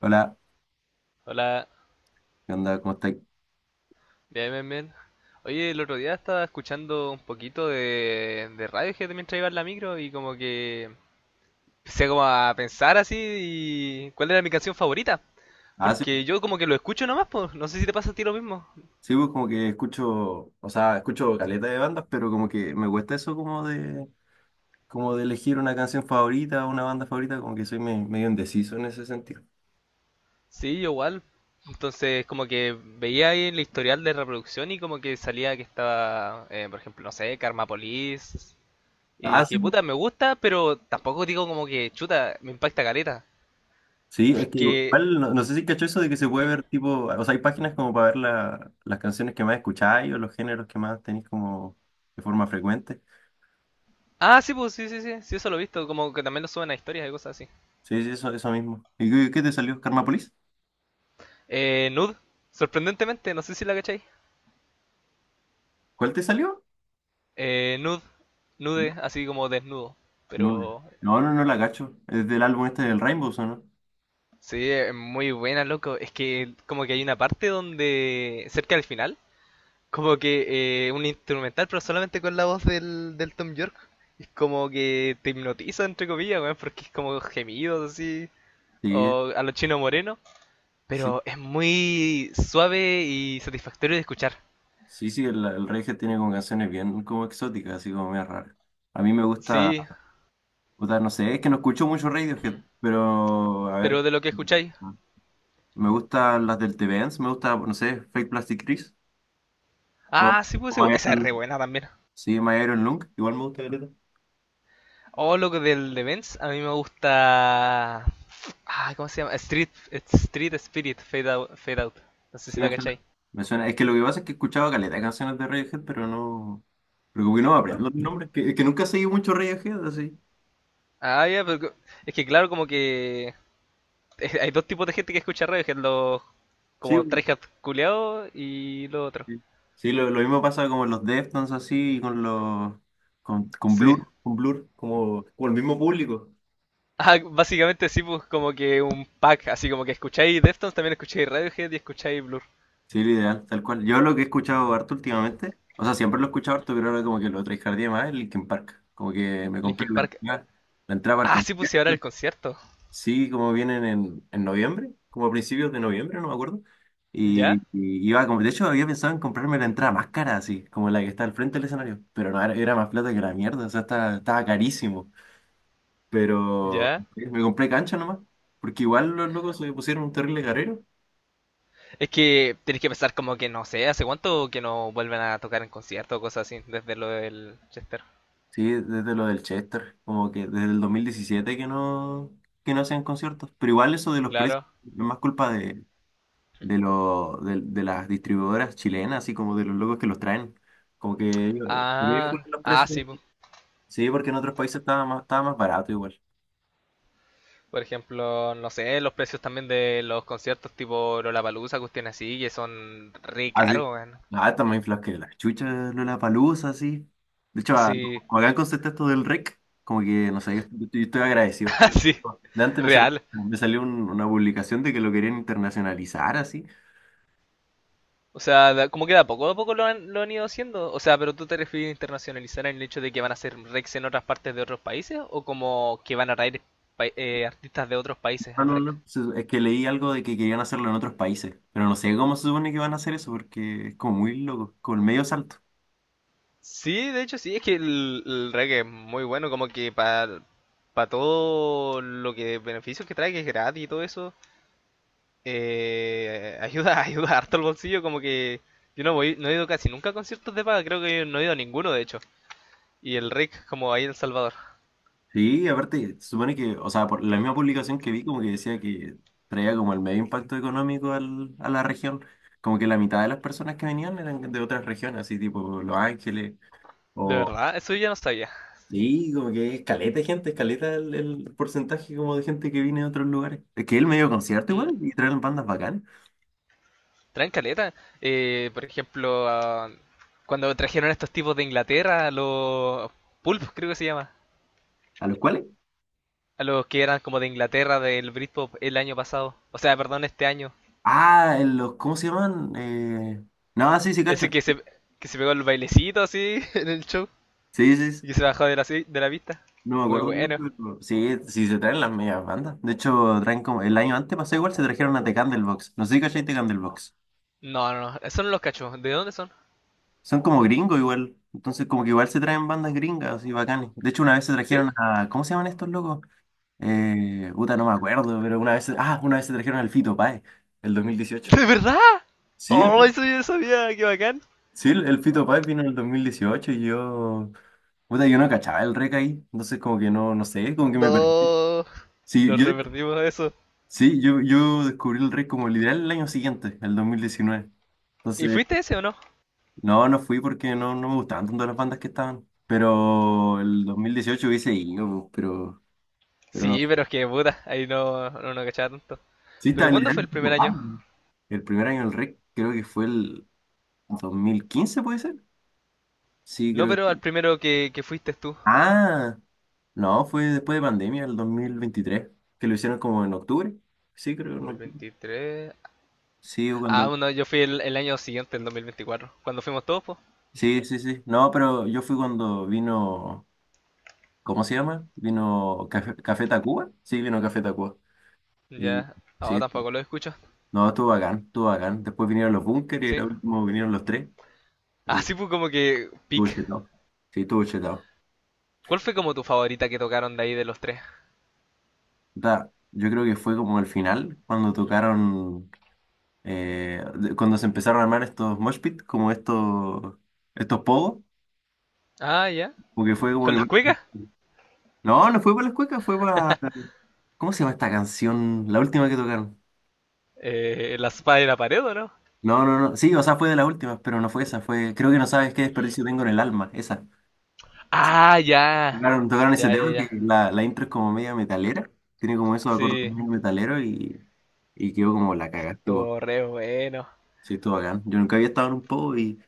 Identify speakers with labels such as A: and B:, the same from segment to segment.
A: Hola,
B: Hola,
A: ¿qué onda? ¿Cómo estáis?
B: bien, bien, bien. Oye, el otro día estaba escuchando un poquito de Radiohead mientras iba en la micro y como que empecé como a pensar así y cuál era mi canción favorita.
A: Ah, sí,
B: Porque yo como que lo escucho nomás, pues no sé si te pasa a ti lo mismo.
A: sí, pues como que escucho, o sea, escucho caleta de bandas, pero como que me cuesta eso como de elegir una canción favorita, una banda favorita, como que soy medio indeciso en ese sentido.
B: Sí, yo igual. Entonces como que veía ahí el historial de reproducción y como que salía que estaba, por ejemplo, no sé, Karma Police. Y
A: Ah, sí,
B: dije,
A: pues.
B: puta, me gusta, pero tampoco digo como que, chuta, me impacta careta.
A: Sí, es que
B: Porque
A: igual, no, no sé si cacho eso de que se puede ver tipo, o sea, hay páginas como para ver las canciones que más escucháis o los géneros que más tenéis como de forma frecuente.
B: Ah, sí, pues, sí, sí, sí, sí, eso lo he visto, como que también lo suben a historias y cosas así.
A: Sí, sí, eso mismo. ¿Y qué te salió? ¿Karmapolis?
B: Nude, sorprendentemente, no sé si la cacháis.
A: ¿Cuál te salió?
B: Nude, nude, así como desnudo.
A: No, no,
B: Pero
A: no, no la cacho. Es del álbum este del Rainbows, ¿o no?
B: sí, es muy buena, loco. Es que como que hay una parte donde, cerca del final, como que un instrumental, pero solamente con la voz del Tom York. Es como que te hipnotiza, entre comillas, weón, porque es como gemidos así,
A: Sí,
B: o a los chinos morenos.
A: sí,
B: Pero es muy suave y satisfactorio de escuchar.
A: sí, sí, el reggae tiene como canciones bien como exóticas, así como medio raras. A mí me gusta,
B: Sí,
A: puta, no sé, es que no escucho mucho Radiohead, pero a
B: pero
A: ver,
B: de lo que escucháis.
A: me gustan las del TVNs, me gusta, no sé, Fake Plastic Trees o,
B: Ah, sí,
A: o My
B: pues, esa es re
A: Iron,
B: buena también.
A: sí, My Iron Lung, igual me gusta caleta.
B: Oh, lo que del de Benz, a mí me gusta. Ah, ¿cómo se llama? Street Spirit, Fade Out. No sé
A: Sí,
B: si la
A: me suena,
B: cacháis,
A: me suena. Es que lo que pasa es que he escuchado caleta de canciones de Radiohead, pero no, pero como que no me
B: ¿no?
A: aprendo los nombres, que, es que nunca he seguido mucho Radiohead, así.
B: Ah, ya, es que claro, como que hay dos tipos de gente que escucha radio, que es los
A: Sí,
B: como tryhard culeados y lo otro.
A: sí, sí, lo mismo pasa con los Deftones así, y con los con
B: Sí.
A: Blur, con Blur, como, como el mismo público.
B: Ah, básicamente sí, pues como que un pack, así como que escucháis Deftones, también escucháis Radiohead y escucháis Blur.
A: Sí, lo ideal, tal cual. Yo lo que he escuchado harto últimamente, o sea, siempre lo he escuchado harto, pero ahora como que lo trajeardía más el Linkin Park. Como que me compré
B: Linkin
A: la
B: Park.
A: entrada, la entrada para el
B: Ah, sí, pues y ahora
A: concierto.
B: el concierto.
A: Sí, como vienen en noviembre, como a principios de noviembre, no me acuerdo. Y,
B: ¿Ya?
A: y iba como, de hecho había pensado en comprarme la entrada más cara, así, como la que está al frente del escenario. Pero no, era más plata que la mierda, o sea, estaba carísimo. Pero
B: ¿Ya?
A: me compré cancha nomás, porque igual los locos se pusieron un terrible carrero.
B: Es que tenés que pensar como que no sé, ¿hace cuánto que no vuelven a tocar en concierto o cosas así? Desde lo del Chester.
A: Sí, desde lo del Chester, como que desde el 2017 que no hacen conciertos. Pero igual eso de los precios
B: Claro.
A: es más culpa de las distribuidoras chilenas, así como de los locos que los traen. Como que ellos
B: Ah,
A: ponen los
B: ah,
A: precios.
B: sí, po.
A: Sí, porque en otros países estaba más barato igual.
B: Por ejemplo, no sé, los precios también de los conciertos tipo Lollapalooza, cuestiones así, que son re
A: Así,
B: caros, weón.
A: está más inflado que la chucha Lollapalooza, así. De hecho,
B: Sí,
A: como acá en concepto esto del rec, como que, no sé, yo estoy agradecido.
B: así,
A: De antes me salió,
B: real.
A: me salió una publicación de que lo querían internacionalizar, así.
B: O sea, como que de a poco lo han ido haciendo. O sea, pero tú te refieres a internacionalizar en el hecho de que van a hacer Rex en otras partes de otros países o como que van a traer artistas de otros países
A: No,
B: al
A: no,
B: Rex.
A: no, es que leí algo de que querían hacerlo en otros países, pero no sé cómo se supone que van a hacer eso, porque es como muy loco, como el medio salto.
B: Sí, de hecho sí, es que el reggae es muy bueno, como que para todo lo que beneficios que trae, que es gratis y todo eso, ayuda, ayuda harto al bolsillo, como que yo no voy, no he ido casi nunca a conciertos de paga, creo que no he ido a ninguno de hecho. Y el RIC como ahí en El Salvador.
A: Sí, aparte, se supone que, o sea, por la misma publicación que vi, como que decía que traía como el medio impacto económico a la región. Como que la mitad de las personas que venían eran de otras regiones, así tipo Los Ángeles,
B: De
A: o.
B: verdad, eso yo no sabía.
A: Sí, como que es caleta de gente, es caleta el porcentaje como de gente que viene de otros lugares. Es que el medio concierto
B: Mm.
A: igual, y traen bandas bacanas,
B: Traen caleta. Por ejemplo, cuando trajeron a estos tipos de Inglaterra, a los Pulp, creo que se llama.
A: a los cuales.
B: A los que eran como de Inglaterra del Britpop el año pasado. O sea, perdón, este año.
A: Ah, en los, ¿cómo se llaman? No, sí, sí, cacho.
B: Ese que se pegó el bailecito así en el show
A: Sí, sí, sí.
B: y que se bajó de la, de la pista.
A: No me
B: Muy
A: acuerdo mucho,
B: bueno.
A: pero sí, sí se traen las medias bandas. De hecho, traen como. El año antes pasó igual, se trajeron a The Candlebox. No sé si cachai The Candlebox.
B: No, no, no, son los cachos. ¿De dónde son?
A: Son como gringos igual. Entonces, como que igual se traen bandas gringas y bacanes. De hecho, una vez se
B: ¿Sí?
A: trajeron a. ¿Cómo se llaman estos locos? Puta, no me acuerdo, pero una vez. Ah, una vez se trajeron al Fito Páez, el 2018.
B: ¿De verdad?
A: Sí,
B: Oh, eso yo no sabía, qué bacán.
A: sí, el Fito Páez vino en el 2018 y yo. Puta, yo no cachaba el rec ahí. Entonces, como que no, no sé, como que me perdí.
B: No,
A: Sí,
B: nos
A: yo
B: revertimos eso.
A: Sí, yo descubrí el rey como literal el año siguiente, el 2019.
B: ¿Y
A: Entonces,
B: fuiste ese o no?
A: no, no fui porque no, no me gustaban tanto las bandas que estaban. Pero el 2018 hubiese ido, pero no.
B: Sí, pero es que puta, ahí no, no, no cachaba tanto.
A: Sí, está
B: ¿Pero cuándo fue
A: literal.
B: el primer
A: ay,
B: año?
A: El primer año del rey creo que fue el 2015, ¿puede ser? Sí,
B: No,
A: creo
B: pero al
A: que.
B: primero que fuiste tú.
A: Ah, no, fue después de pandemia, el 2023 que lo hicieron como en octubre. Sí, creo que en octubre.
B: 2023.
A: Sí, o
B: Ah,
A: cuando.
B: bueno, yo fui el año siguiente, el 2024. Cuando fuimos todos, pues.
A: Sí, sí, sí. No, pero yo fui cuando vino. ¿Cómo se llama? Vino Café Tacuba. Sí, vino Café Tacuba. Y
B: Ya. Ahora
A: sí,
B: tampoco lo escucho.
A: no, estuvo bacán, estuvo bacán. Después vinieron los Bunkers y
B: Sí.
A: al último vinieron los tres.
B: Ah,
A: Y
B: sí, pues como que.
A: estuvo
B: Pic.
A: chetado. Sí, estuvo chetado.
B: ¿Cuál fue como tu favorita que tocaron de ahí de los tres?
A: Da, yo creo que fue como el final, cuando tocaron, cuando se empezaron a armar estos mosh pit, como estos pogos,
B: Ah, ya.
A: porque fue como...
B: ¿Con las
A: mi-
B: cuecas?
A: No, no fue para las cuecas, fue para. ¿Cómo se llama esta canción? La última que tocaron.
B: ¿La espada de la pared o no?
A: No, no, no. Sí, o sea, fue de las últimas, pero no fue esa. Fue, creo que no sabes qué desperdicio tengo en el alma. Esa.
B: Ah, ya.
A: Tocaron ese
B: Ya, ya,
A: tema
B: ya.
A: que la intro es como media metalera. Tiene como esos acordes
B: Sí.
A: muy metaleros y quedó como la cagada. Estuvo,
B: Estuvo re bueno.
A: sí, estuvo bacán. Yo nunca había estado en un pogo y,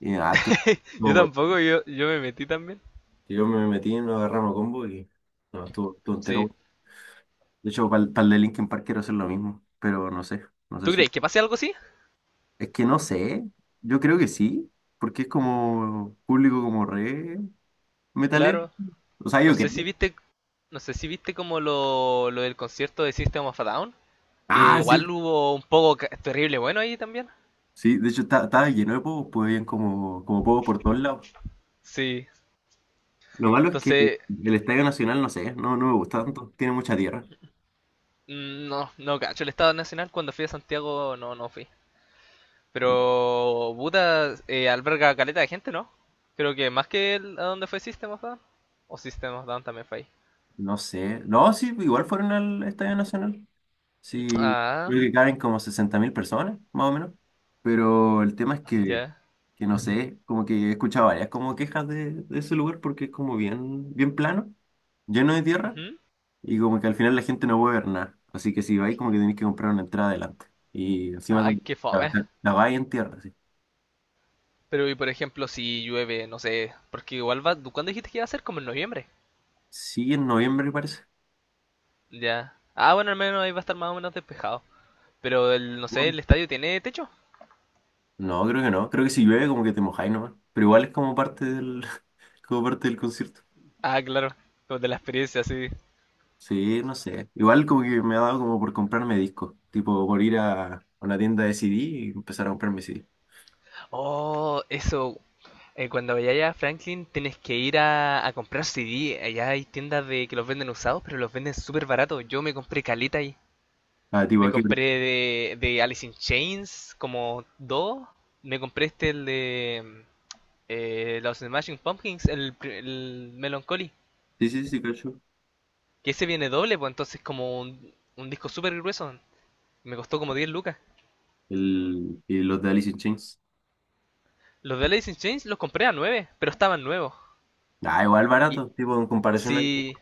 A: y nada, estuvo
B: Yo
A: bot.
B: tampoco, yo me metí también.
A: Yo me metí en nos agarramos a combo y no, estuvo entero.
B: Sí.
A: Bueno. De hecho, para el de Linkin Park quiero hacer lo mismo, pero no sé. No sé
B: ¿Tú
A: si.
B: crees que pase algo así?
A: Es que no sé. Yo creo que sí, porque es como público como re metalero.
B: Claro.
A: O sea,
B: No
A: yo
B: sé si
A: qué.
B: viste, no sé si viste como lo del concierto de System of a Down, que
A: Ah, sí.
B: igual hubo un poco terrible bueno ahí también.
A: Sí, de hecho estaba lleno de pogos, pues habían como pogos por todos lados.
B: Sí.
A: Lo malo es que
B: Entonces,
A: el Estadio Nacional, no sé, no, no me gusta tanto, tiene mucha tierra.
B: no, no cacho el Estado Nacional cuando fui a Santiago no fui. Pero Buda alberga caleta de gente, ¿no? Creo que más que a donde fue System of a Down. O System of a Down también fue ahí.
A: No sé. No, sí, igual fueron al Estadio Nacional. Sí,
B: Ah,
A: creo que caben como 60.000 personas, más o menos. Pero el tema es que,
B: ya.
A: que no sé, como que he escuchado varias como quejas de ese lugar porque es como bien, bien plano, lleno de tierra.
B: Ujú.
A: Y como que al final la gente no puede ver nada. Así que si vais, como que tenéis que comprar una entrada adelante. Y encima
B: Ay,
A: como
B: qué
A: la,
B: fome.
A: la vais en tierra, sí.
B: Pero y por ejemplo si llueve, no sé, porque igual va, ¿cuándo dijiste que iba a ser? Como en noviembre.
A: Sí, en noviembre parece.
B: Ya. Ah, bueno, al menos ahí va a estar más o menos despejado. Pero el, no sé,
A: Bueno,
B: el estadio tiene techo.
A: no, creo que no. Creo que si llueve como que te mojáis nomás. Pero igual es como parte del, como parte del concierto.
B: Ah, claro, como de la experiencia, sí.
A: Sí, no sé. Igual como que me ha dado como por comprarme discos. Tipo por ir a una tienda de CD y empezar a comprarme CD.
B: Oh, eso. Cuando vayas a Franklin tienes que ir a comprar CD. Allá hay tiendas de que los venden usados, pero los venden súper baratos. Yo me compré caleta ahí.
A: Ah, tipo,
B: Me
A: ¿a qué precio?
B: compré de Alice in Chains como dos. Me compré este, el de los Smashing Pumpkins, el Melancholy.
A: Sí, sí, sí, cacho.
B: Que ese viene doble, pues entonces como un disco súper grueso. Me costó como 10 lucas.
A: Y los de Alice in Chains.
B: Los de Alice in Chains los compré a 9 pero estaban nuevos.
A: Ah, igual
B: Y
A: barato. Tipo, en comparación al.
B: si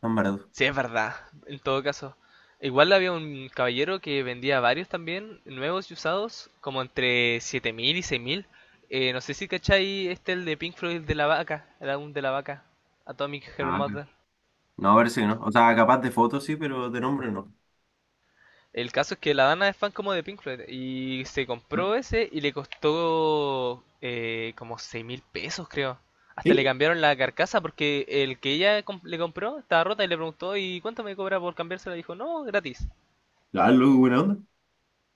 A: Tan barato.
B: Sí, es verdad, en todo caso. Igual había un caballero que vendía varios también, nuevos y usados, como entre 7.000 y 6.000. No sé si cachai este el de Pink Floyd el de la vaca, el álbum de la vaca, Atomic Her
A: Ah,
B: Mother.
A: no, parece que no. O sea, capaz de fotos sí, pero de nombre no.
B: El caso es que la Dana es fan como de Pink Floyd y se
A: ¿Ah?
B: compró ese y le costó como 6.000 pesos, creo. Hasta le
A: ¿Sí?
B: cambiaron la carcasa porque el que ella le compró estaba rota y le preguntó, ¿y cuánto me cobra por cambiársela? Dijo, no, gratis.
A: Ah, luego, buena onda.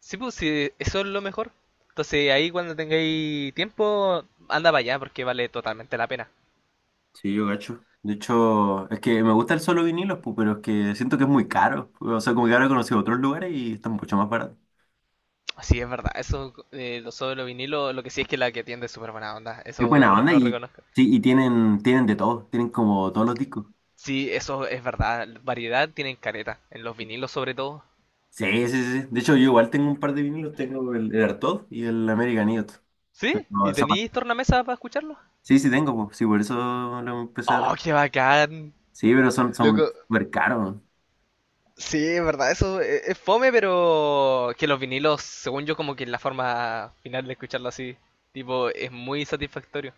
B: Sí, pues sí, eso es lo mejor. Entonces ahí cuando tengáis tiempo, anda para allá porque vale totalmente la pena.
A: Sí, yo gacho. De hecho, es que me gusta el solo vinilos, pero es que siento que es muy caro. O sea, como que ahora he conocido otros lugares y están mucho más baratos.
B: Sí, es verdad, eso, lo sobre los vinilos, lo que sí es que la que tiende es súper buena onda,
A: Es
B: eso
A: buena
B: lo,
A: banda
B: lo
A: y
B: reconozco.
A: sí, y tienen de todo, tienen como todos los discos.
B: Sí, eso es verdad, variedad tienen careta, en los vinilos sobre todo.
A: Sí, sí, sí, sí. De hecho, yo igual tengo un par de vinilos, tengo el Artaud y el American Idiot.
B: ¿Sí?
A: Pero
B: ¿Y
A: son-
B: tenéis tornamesa para escucharlo?
A: sí, sí tengo, sí, por eso lo empecé a.
B: ¡Oh, qué bacán!
A: Sí, pero son,
B: Loco,
A: son súper caros.
B: sí, es verdad, eso es fome, pero que los vinilos, según yo, como que la forma final de escucharlo así, tipo, es muy satisfactorio.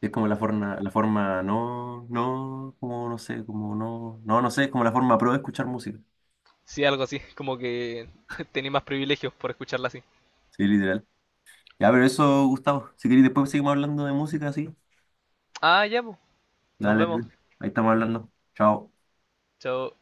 A: Es como la forma no, no, como no sé, como no, no, no sé, es como la forma pro de escuchar música.
B: Sí, algo así. Como que tenía más privilegios por escucharla así.
A: Sí, literal. Ya, pero eso, Gustavo, si queréis después seguimos hablando de música, sí.
B: Ah, ya, pues. Nos
A: Dale,
B: vemos.
A: ahí estamos hablando. Chao.
B: Chao.